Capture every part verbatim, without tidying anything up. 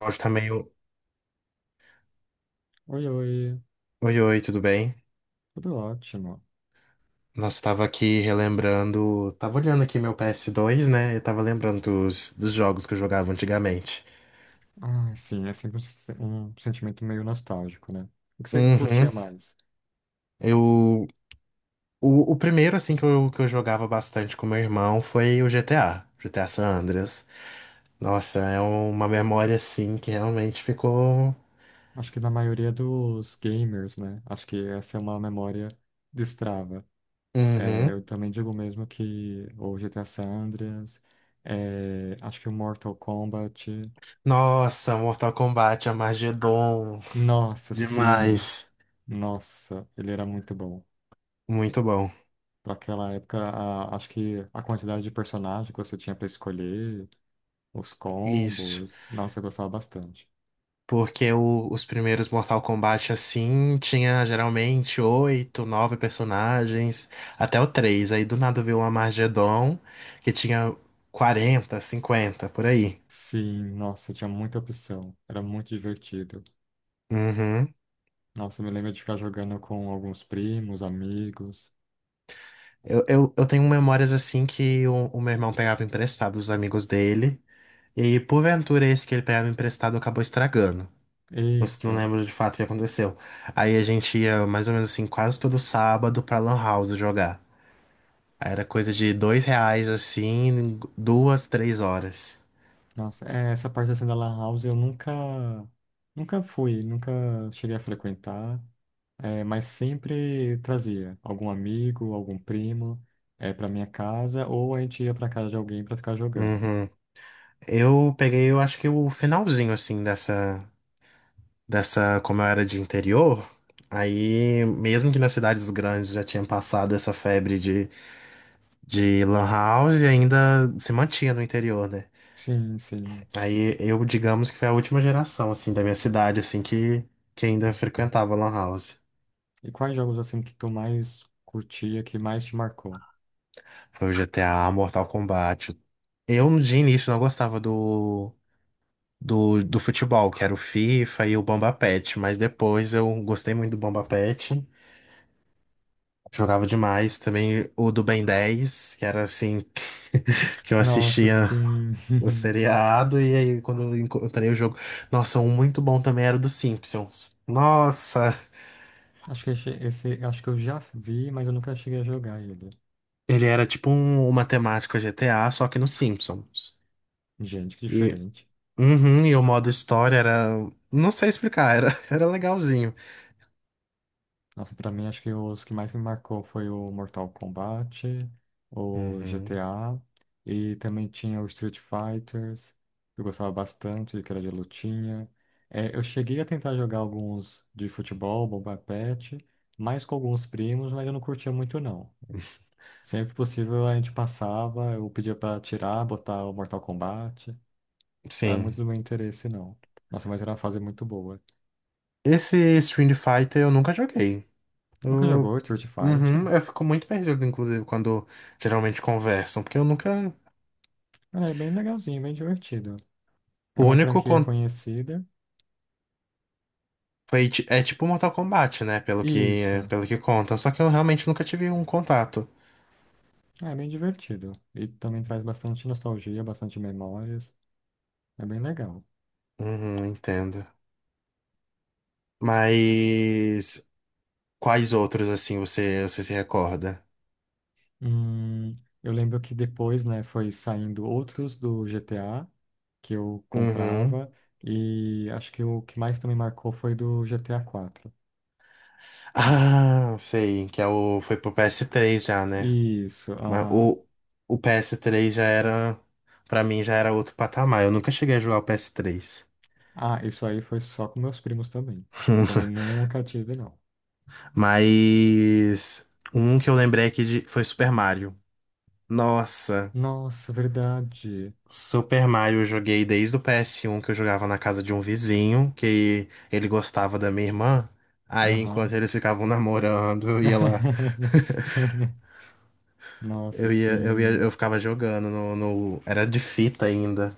O áudio tá meio. Oi, oi, Oi, oi, tudo bem? tudo ótimo. Nossa, tava aqui relembrando. Tava olhando aqui meu ps dois, né? Eu tava lembrando dos, dos jogos que eu jogava antigamente. Ah, sim, é sempre um se- um sentimento meio nostálgico, né? O que você curtia Uhum. mais? Eu. O, o primeiro, assim, que eu, que eu jogava bastante com meu irmão foi o G T A, G T A San Andreas. Nossa, é uma memória, assim, que realmente ficou. Acho que na maioria dos gamers, né? Acho que essa é uma memória destrava. É, Uhum. eu também digo mesmo que o G T A San Andreas, é, acho que o Mortal Kombat. Nossa, Mortal Kombat, Armageddon. Nossa, sim! Demais. Nossa, ele era muito bom. Muito bom. Para aquela época, a- acho que a quantidade de personagem que você tinha para escolher. Os Isso. combos. Nossa, eu gostava bastante. Porque o- os primeiros Mortal Kombat, assim, tinha geralmente oito, nove personagens, até o três. Aí do nada veio uma Armageddon, que tinha quarenta, cinquenta por aí. Sim, nossa, tinha muita opção. Era muito divertido. Uhum. Nossa, eu me lembro de ficar jogando com alguns primos, amigos. Eu, eu, eu tenho memórias, assim, que o, o meu irmão pegava emprestado dos amigos dele. E porventura esse que ele pegava emprestado acabou estragando. Não, s- não Eita, lembro de fato o que aconteceu. Aí a gente ia mais ou menos assim, quase todo sábado pra Lan House jogar. Era coisa de dois reais assim, em duas, três horas. nossa, é, essa parte assim da Lan House eu nunca, nunca fui, nunca cheguei a frequentar, é, mas sempre trazia algum amigo, algum primo, é, para minha casa ou a gente ia para casa de alguém para ficar jogando. Uhum. Eu peguei, eu acho que o finalzinho assim dessa, dessa, como eu era de interior. Aí, mesmo que nas cidades grandes já tinha passado essa febre de, de lan house, e ainda se mantinha no interior, né? Sim, sim. Aí eu, digamos que foi a última geração assim da minha cidade assim que, que ainda frequentava lan house. E quais jogos assim que tu mais curtia, que mais te marcou? Foi o G T a Mortal Kombat. Eu no dia início não gostava do do, do futebol, que era o FIFA e o Bomba Patch, mas depois eu gostei muito do Bomba Patch, jogava demais. Também o do Ben dez, que era assim, que eu Nossa, assistia sim. o seriado, e aí quando eu encontrei o jogo. Nossa, um muito bom também era o dos Simpsons. Nossa, Acho que esse, esse- acho que eu já vi, mas eu nunca cheguei a jogar ele. ele era tipo um- uma temática G T A, só que nos Simpsons. Gente, que E, diferente. uhum, e o modo história era. Não sei explicar, era, era legalzinho. Nossa, pra mim acho que os que mais me marcou foi o Mortal Kombat, o Uhum, G T A e também tinha o Street Fighters, que eu gostava bastante, que era de lutinha. É, eu cheguei a tentar jogar alguns de futebol, Bomba Patch, mais com alguns primos, mas eu não curtia muito não. Sempre que possível a gente passava, eu pedia pra tirar, botar o Mortal Kombat. Não era muito sim. do meu interesse, não. Nossa, mas era uma fase muito boa. Esse Street Fighter eu nunca joguei. Nunca Eu, jogou Street Fighter? uhum, eu fico muito perdido, inclusive, quando geralmente conversam, porque eu nunca. Ah, é bem legalzinho, bem divertido. É O uma único franquia contato conhecida. é tipo Mortal Kombat, né? Pelo que, Isso. pelo que conta. Só que eu realmente nunca tive um contato. Ah, é bem divertido. E também traz bastante nostalgia, bastante memórias. É bem legal. Uhum, entendo. Mas quais outros assim você, você se recorda? Hum, eu lembro que depois, né, foi saindo outros do G T A que eu Uhum. comprava. E acho que o que mais também marcou foi do G T A quatro. Ah, sei, que é o foi pro ps três, já, né? Isso, Mas aham. o, o P S três já era, pra mim, já era outro patamar. Eu nunca cheguei a jogar o P S três. Ah, isso aí foi só com meus primos também. Eu também nunca tive, não. Mas um que eu lembrei aqui de, foi Super Mario. Nossa, Nossa, verdade. Super Mario eu joguei desde o P S um, que eu jogava na casa de um vizinho, que ele gostava da minha irmã. Aí, enquanto Aham. eles ficavam namorando, eu ia lá. Nossa, Eu ia, eu ia, sim. eu ficava jogando no, no- Era de fita ainda.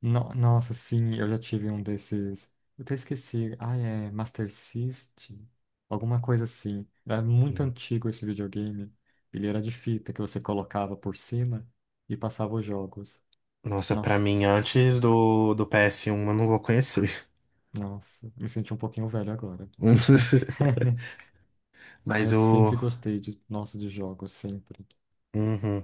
No- nossa, sim, eu já tive um desses. Eu até esqueci. Ah, é Master System? Alguma coisa assim. Era muito antigo esse videogame. Ele era de fita que você colocava por cima e passava os jogos. Nossa, pra Nossa, mim, antes do, do ps um eu não vou conhecer. nossa. Me senti um pouquinho velho agora. Não, mas eu Mas sempre o. gostei de, nossa, de jogos, sempre. Uhum.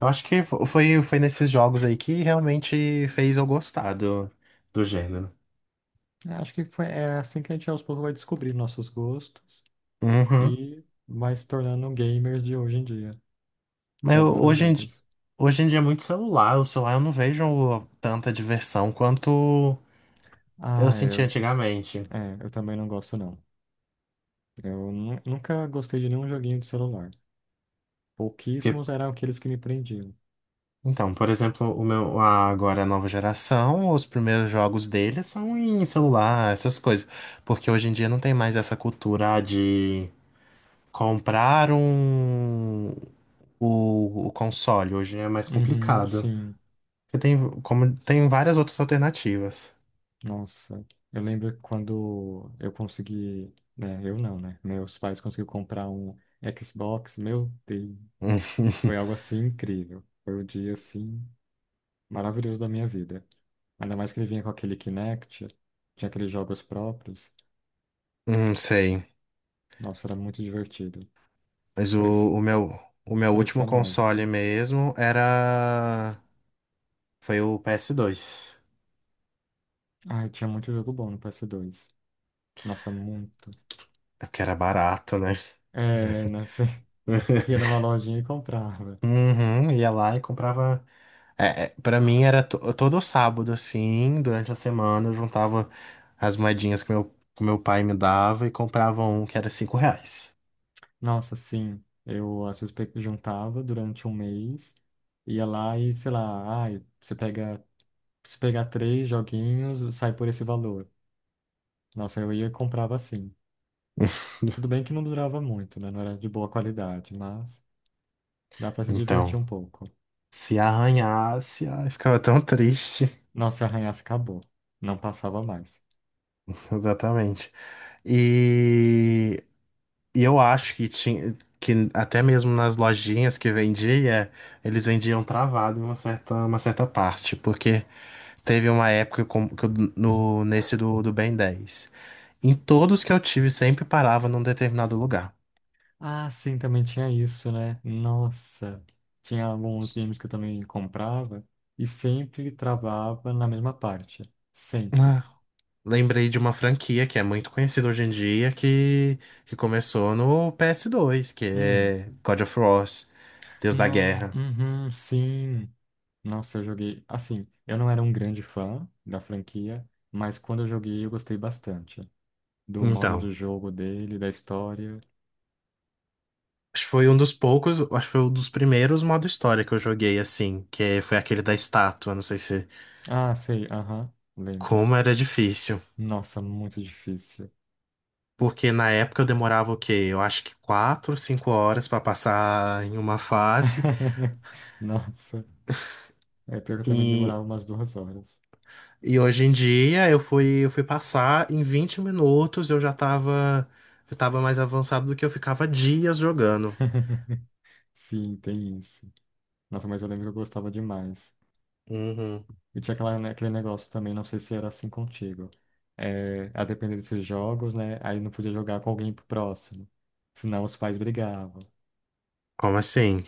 Eu acho que fo- foi, foi nesses jogos aí que realmente fez eu gostar do, do gênero. É, acho que foi, é assim que a gente aos poucos vai descobrir nossos gostos Uhum. e vai se tornando gamers de hoje em dia, Mas que eu- adora hoje em, di- jogos. Hoje em dia é muito celular. O celular eu não vejo tanta diversão quanto eu Ah, senti eu, antigamente. é, eu também não gosto, não. Eu nu- nunca gostei de nenhum joguinho de celular. Pouquíssimos eram aqueles que me prendiam. Então, por exemplo, o meu a- agora a nova geração, os primeiros jogos deles são em celular, essas coisas, porque hoje em dia não tem mais essa cultura ah, de comprar um o, o console, hoje é mais Uhum, complicado. sim. Porque tem como tem várias outras alternativas. Nossa, eu lembro quando eu consegui, né, eu não, né? Meus pais conseguiram comprar um Xbox, meu Deus. Hum, Foi algo assim incrível. Foi o dia assim maravilhoso da minha vida. Ainda mais que ele vinha com aquele Kinect, tinha aqueles jogos próprios. não sei, Nossa, era muito divertido. mas o, Parecia, o meu o meu último parecia console mágica. mesmo era foi o P S dois, Ai, tinha muito jogo bom no ps dois. Nossa, muito. porque era barato, né? É, né? Você ia numa lojinha e comprava. Uhum, ia lá e comprava. É, é, para mim era to- todo sábado, assim, durante a semana eu juntava as moedinhas que meu, que meu pai me dava e comprava um que era cinco reais. Nossa, sim. Eu às vezes pe- juntava durante um mês, ia lá e, sei lá, ai, você pega, se pegar três joguinhos, sai por esse valor. Nossa, eu ia e comprava assim. Tudo bem que não durava muito, né? Não era de boa qualidade, mas dá pra se divertir Então, um pouco. se arranhasse, ai, ficava tão triste. Nossa, e arranhaço acabou. Não passava mais. Exatamente. E, e eu acho que tinha que até mesmo nas lojinhas que vendia, eles vendiam travado em uma certa, uma certa parte, porque teve uma época com- que eu- no, nesse do, do Ben dez em todos que eu tive, sempre parava num determinado lugar. Ah, sim, também tinha isso, né? Nossa, tinha alguns games que eu também comprava e sempre travava na mesma parte. Sempre. Ah, lembrei de uma franquia que é muito conhecida hoje em dia, que, que começou no P S dois, que Hum, é God of War, Deus da não, Guerra. uhum, sim. Nossa, eu joguei. Assim, eu não era um grande fã da franquia, mas quando eu joguei eu gostei bastante do modo Então, do jogo dele, da história. acho que foi um dos poucos, acho que foi um dos primeiros modo história que eu joguei assim, que foi aquele da estátua, não sei se... Ah, sei, aham, lembro. Como era difícil. Nossa, muito difícil. Porque na época eu demorava o quê? Eu acho que quatro, cinco horas para passar em uma fase. Nossa, é pior que eu também E, demorava umas duas horas. e hoje em dia eu fui, eu fui passar em vinte minutos, eu já tava, eu tava mais avançado do que eu ficava dias jogando. Sim, tem isso. Nossa, mas eu lembro que eu gostava demais. Uhum. E tinha aquela, né, aquele negócio também, não sei se era assim contigo. É, a depender desses jogos, né? Aí não podia jogar com alguém pro próximo. Senão os pais brigavam. Como assim?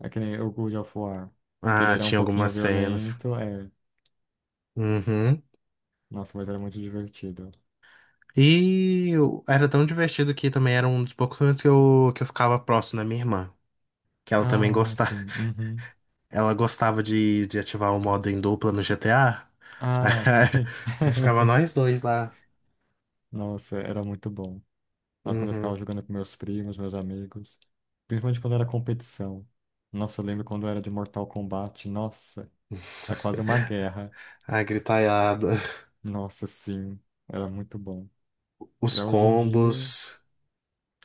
É que nem o God of War. Porque ele Ah, era um tinha pouquinho algumas cenas. violento, é. Uhum. Nossa, mas era muito divertido. E eu- era tão divertido que também era um dos poucos momentos que eu, que eu ficava próximo da minha irmã, que ela também Ah, gostava. sim. Uhum. Ela gostava de, de ativar o modo em dupla no G T A. Ah, sim. Aí ficava nós dois lá. Nossa, era muito bom. Mas quando eu ficava Uhum. jogando com meus primos, meus amigos. Principalmente quando era competição. Nossa, eu lembro quando era de Mortal Kombat. Nossa, é quase uma guerra. A gritaiada. Nossa, sim. Era muito bom. Os Já hoje em dia. combos.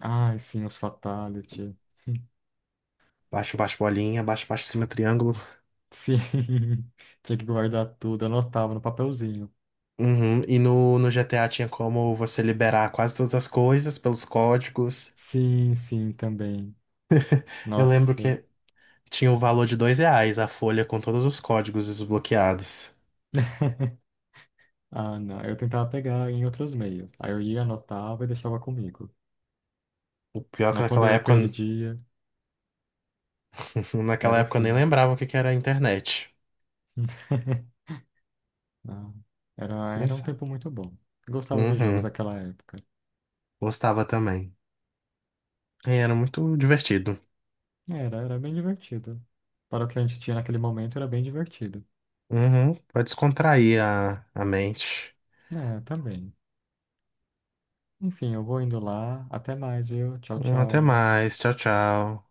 Ai, sim, os Fatality. Baixo, baixo, bolinha. Baixo, baixo, cima, triângulo. Sim. Tinha que guardar tudo. Anotava no papelzinho. Uhum. E no, no G T A tinha como você liberar quase todas as coisas pelos códigos. Sim, sim, também. Eu lembro Nossa. que tinha o valor de dois reais a folha com todos os códigos desbloqueados. Ah, não. Eu tentava pegar em outros meios. Aí eu ia, anotava e deixava comigo. O pior é que Mas quando naquela eu época, perdia, naquela era o época eu nem fim. lembrava o que que era a internet. Ah, era, Nem era um sabe. tempo muito bom. Gostava dos jogos Uhum. daquela época. Gostava também. E era muito divertido. Era, era bem divertido. Para o que a gente tinha naquele momento, era bem divertido. Uhum, pra descontrair a, a mente. É, também. Enfim, eu vou indo lá. Até mais, viu? Tchau, Hum, Até tchau. mais. Tchau, tchau.